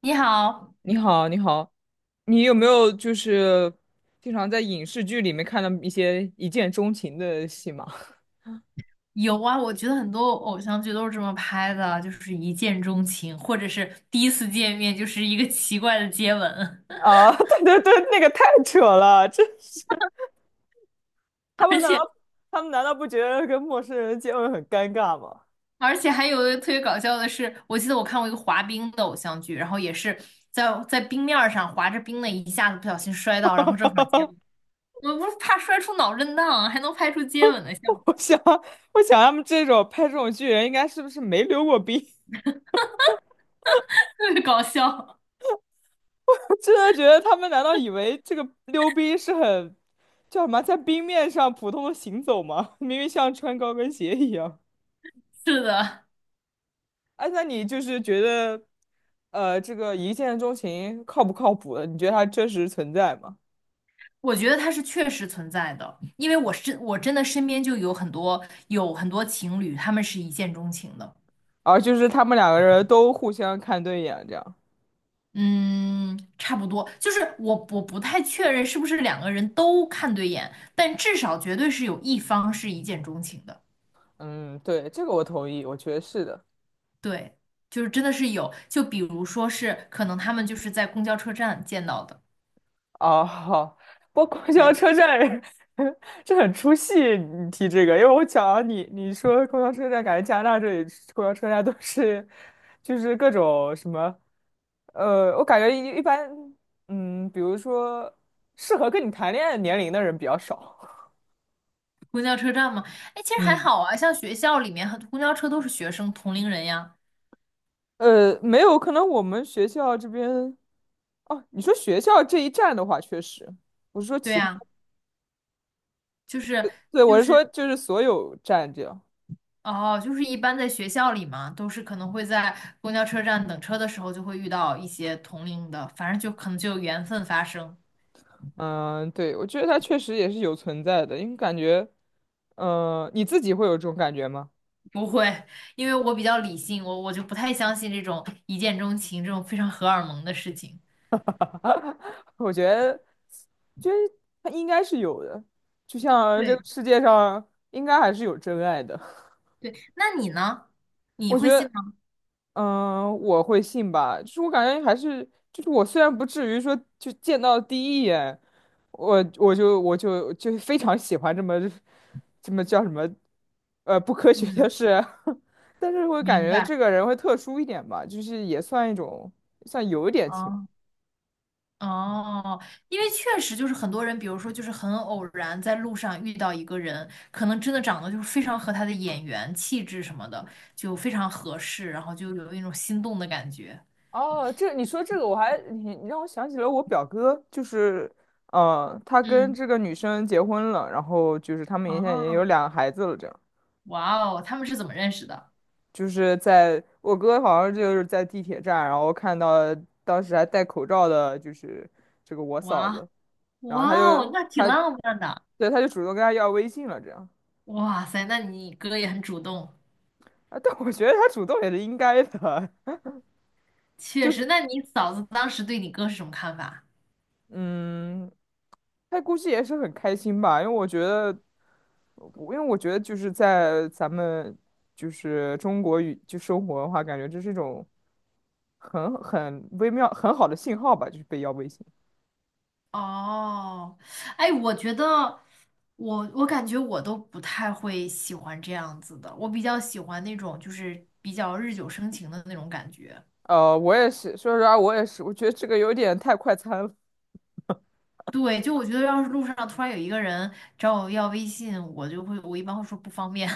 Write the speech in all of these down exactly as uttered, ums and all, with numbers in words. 你好，你好，你好，你有没有就是经常在影视剧里面看到一些一见钟情的戏码？有啊，我觉得很多偶像剧都是这么拍的，就是一见钟情，或者是第一次见面就是一个奇怪的接吻，啊，对对对，那个太扯了，真是，他 们而难道且他们难道不觉得跟陌生人接吻很尴尬吗？而且还有一个特别搞笑的是，我记得我看过一个滑冰的偶像剧，然后也是在在冰面儿上滑着冰的，一下子不小心摔 哈到，然哈后正好哈接哈吻，我不是怕摔出脑震荡，还能拍出接吻的效果，我想，我想他们这种拍这种剧人，应该是不是没溜过冰？特别搞笑。真的觉得他们难道以为这个溜冰是很叫什么，在冰面上普通的行走吗？明明像穿高跟鞋一样。是的，哎，那你就是觉得，呃，这个一见钟情靠不靠谱的你觉得它真实存在吗？我觉得它是确实存在的，因为我身我真的身边就有很多有很多情侣，他们是一见钟情的。啊，就是他们两个人都互相看对眼，这样。嗯，差不多，就是我我不太确认是不是两个人都看对眼，但至少绝对是有一方是一见钟情的。嗯，对，这个我同意，我觉得是的。对，就是真的是有，就比如说是可能他们就是在公交车站见到的。哦，好，不过公交对，车站，这很出戏，你提这个，因为我讲你你说公交车站，感觉加拿大这里公交车站都是，就是各种什么，呃，我感觉一一般，嗯，比如说适合跟你谈恋爱年龄的人比较少。公交车站嘛，哎，其实还嗯，好啊，像学校里面很公交车都是学生同龄人呀。呃，没有，可能我们学校这边，哦，你说学校这一站的话，确实，我是说对其他，呀，就是。对，我就是是说就是所有站这样，哦，就是一般在学校里嘛，都是可能会在公交车站等车的时候就会遇到一些同龄的，反正就可能就有缘分发生。嗯，对，我觉得它确实也是有存在的，因为感觉，呃，你自己会有这种感觉吗？不会，因为我比较理性，我我就不太相信这种一见钟情这种非常荷尔蒙的事情。我觉得，就得它应该是有的，就像这个对世界上应该还是有真爱的，对，那你呢？你我觉会信得。吗？嗯，我会信吧，就是我感觉还是，就是我虽然不至于说就见到第一眼，我我就我就就非常喜欢这么这么叫什么，呃，不科学嗯，的事啊，但是会感明觉白。这个人会特殊一点吧，就是也算一种，算有一点情。哦，哦，因为确实就是很多人，比如说就是很偶然在路上遇到一个人，可能真的长得就是非常和他的眼缘、气质什么的就非常合适，然后就有一种心动的感觉。哦，这你说这个我还你你让我想起了我表哥，就是呃，他跟嗯，这个女生结婚了，然后就是他们现在也有哦，两个孩子了，这样。哇哦，他们是怎么认识的？就是在我哥好像就是在地铁站，然后看到当时还戴口罩的，就是这个我嫂哇子，然后哇他哦，就那挺他浪漫的。对他就主动跟他要微信了，这样哇塞，那你哥也很主动，啊，但我觉得他主动也是应该的，确就实。是那你嫂子当时对你哥是什么看法？嗯，他估计也是很开心吧，因为我觉得，我因为我觉得就是在咱们就是中国语就生活的话，感觉这是一种很很微妙很好的信号吧，就是被要微信。哦，哎，我觉得我我感觉我都不太会喜欢这样子的，我比较喜欢那种就是比较日久生情的那种感觉。呃，我也是，说实话，我也是，我觉得这个有点太快餐了。对，就我觉得要是路上突然有一个人找我要微信，我就会我一般会说不方便，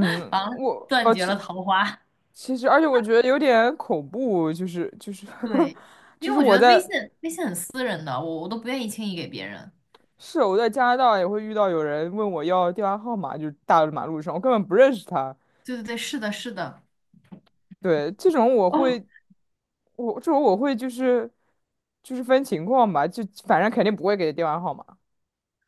完了我断呃，绝了其桃花。其实，而且我觉得有点恐怖，就是就是 对，就因为是我觉我得微信在微信很私人的，我我都不愿意轻易给别人。是我在加拿大也会遇到有人问我要电话号码，就是大马路上，我根本不认识他。对对对，是的，是的。对，这种我哦。会，我这种我会就是就是分情况吧，就反正肯定不会给电话号码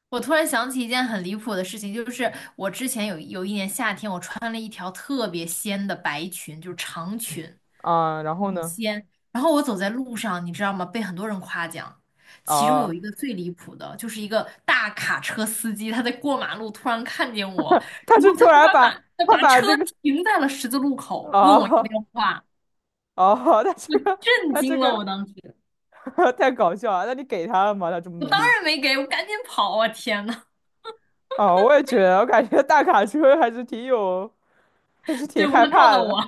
我突然想起一件很离谱的事情，就是我之前有有一年夏天，我穿了一条特别仙的白裙，就是长裙啊。然后呢，仙，然后我走在路上，你知道吗？被很多人夸奖，其中有啊，一个最离谱的，就是一个大卡车司机，他在过马路突然看见我，他然是后突他然把把马他他把把车这个，停在了十字路口，问我要啊电话，啊，他我这个。震他这惊了，个 我当时，太搞笑了。那你给他了吗？他这么我努当力？然没给，我赶紧跑啊！天呐，哦，我也觉得，我感觉大卡车还是挺有，还是挺对，我怕害他撞怕到的。我，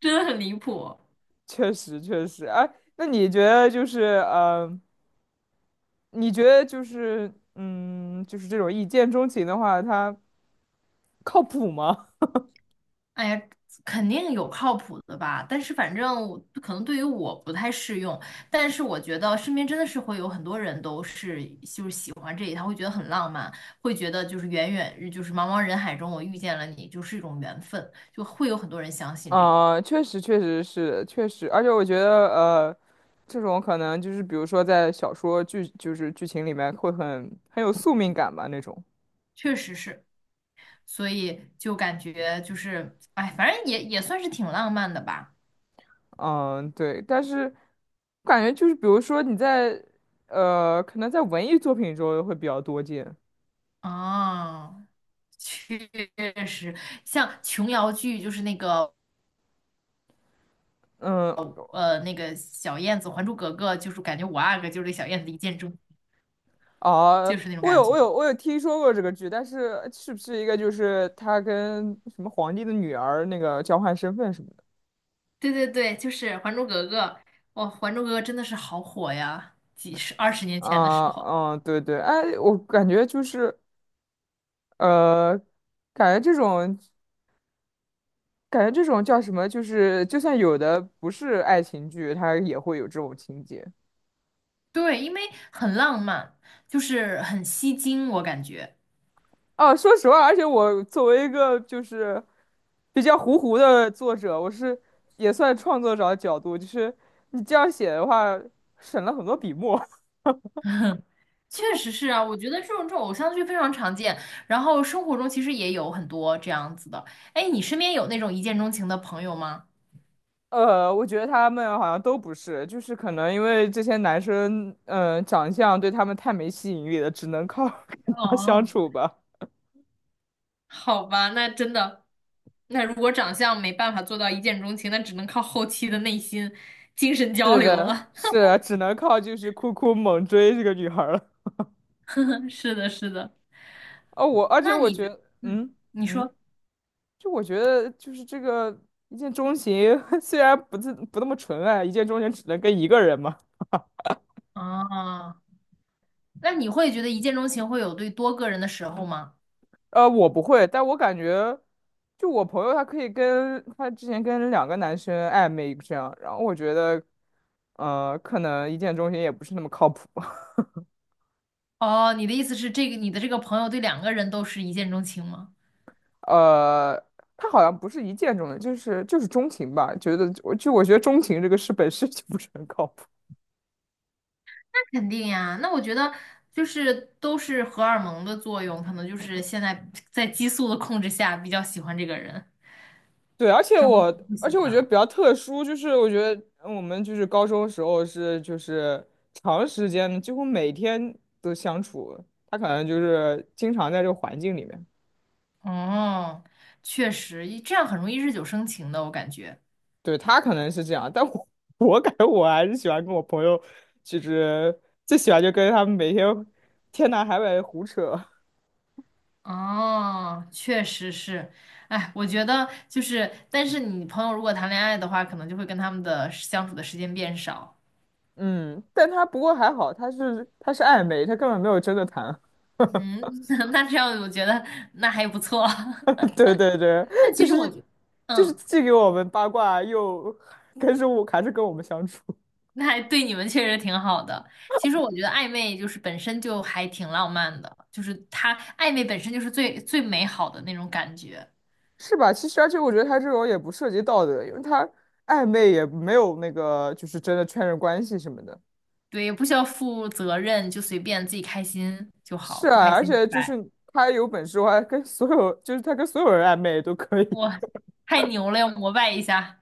真的很离谱。确实，确实。哎，那你觉得就是，呃，你觉得就是，嗯，就是这种一见钟情的话，它靠谱吗？哎呀，肯定有靠谱的吧，但是反正我可能对于我不太适用，但是我觉得身边真的是会有很多人都是就是喜欢这一套，会觉得很浪漫，会觉得就是远远就是茫茫人海中我遇见了你就是一种缘分，就会有很多人相 信这个，啊、确实，确实是，确实。而且我觉得，呃，这种可能就是，比如说在小说剧，就是剧情里面会很很有宿命感吧那种。确实是，所以就感觉就是哎，反正也也算是挺浪漫的吧，嗯，对，但是我感觉就是，比如说你在呃，可能在文艺作品中会比较多见。啊。确实，像琼瑶剧，就是那个嗯，呃那个小燕子，《还珠格格》就是感觉五阿哥就是小燕子一见钟，啊，就是那种我感有觉。我有我有听说过这个剧，但是是不是一个就是他跟什么皇帝的女儿那个交换身份什么的？对对对，就是《还珠格格》，哇，《还珠格格》真的是好火呀，几十二十年前的啊、时候。嗯，对对，哎，我感觉就是呃，感觉这种感觉这种叫什么，就是就算有的不是爱情剧，它也会有这种情节。对，因为很浪漫，就是很吸睛，我感觉啊，说实话，而且我作为一个就是比较糊糊的作者，我是也算创作者的角度，就是你这样写的话，省了很多笔墨。确实是啊。我觉得这种这种偶像剧非常常见，然后生活中其实也有很多这样子的。哎，你身边有那种一见钟情的朋友吗？呃，我觉得他们好像都不是，就是可能因为这些男生，嗯、长相对他们太没吸引力了，只能靠 跟他相哦，处吧。好吧，那真的，那如果长相没办法做到一见钟情，那只能靠后期的内心精神 交是流的，了。是的只能靠就是酷酷猛追这个女孩儿了。是的，是的。哦，我而且那我你觉觉，得，嗯，嗯你嗯。说，就我觉得，就是这个一见钟情，虽然不自不那么纯爱，一见钟情只能跟一个人嘛。啊，那你会觉得一见钟情会有对多个人的时候吗？呃，我不会，但我感觉，就我朋友他可以跟他之前跟两个男生暧昧这样，然后我觉得，呃，可能一见钟情也不是那么靠谱。哦，你的意思是这个，你的这个朋友对两个人都是一见钟情吗？呃，他好像不是一见钟情，就是就是钟情吧。觉得我就我觉得钟情这个事本身 就不是很靠谱。那肯定呀，那我觉得就是都是荷尔蒙的作用，可能就是现在在激素的控制下比较喜欢这个人，对，而且之后我，就不而喜且我欢觉得比了。较特殊，就是我觉得我们就是高中时候是就是长时间的几乎每天都相处，他可能就是经常在这个环境里面，哦，确实，一这样很容易日久生情的，我感觉。对，他可能是这样，但我 我感觉我还是喜欢跟我朋友，就是最喜欢就跟他们每天天南海北胡扯，哦，确实是，哎，我觉得就是，但是你朋友如果谈恋爱的话，可能就会跟他们的时相处的时间变少。嗯，但他不过还好，他是他是暧昧，他根本没有真的谈。嗯，那这样我觉得那还不错。对对对，但就其实我是觉就是嗯，既给我们八卦，又跟着我，还是跟我们相处，那还对你们确实挺好的。其实我觉得暧昧就是本身就还挺浪漫的，就是它暧昧本身就是最最美好的那种感觉。是吧？其实，而且我觉得他这种也不涉及道德，因为他暧昧也没有那个，就是真的确认关系什么的。对，也不需要负责任，就随便自己开心就好，是不啊，开而心且拜就是拜。他有本事，我还跟所有，就是他跟所有人暧昧都可以。哇，太牛了，要膜拜一下。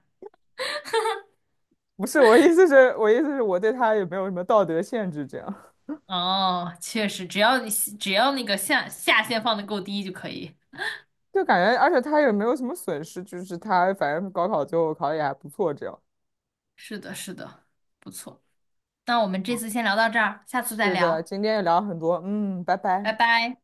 不是，我意思是，我意思是我对他也没有什么道德限制，这样哦，确实，只要你只要那个下下限放的够低就可以。就感觉，而且他也没有什么损失，就是他反正高考最后考的也还不错，这样。是的，是的，不错。那我们这次先聊到这儿，下次再是的，聊，今天也聊了很多，嗯，拜拜拜。拜。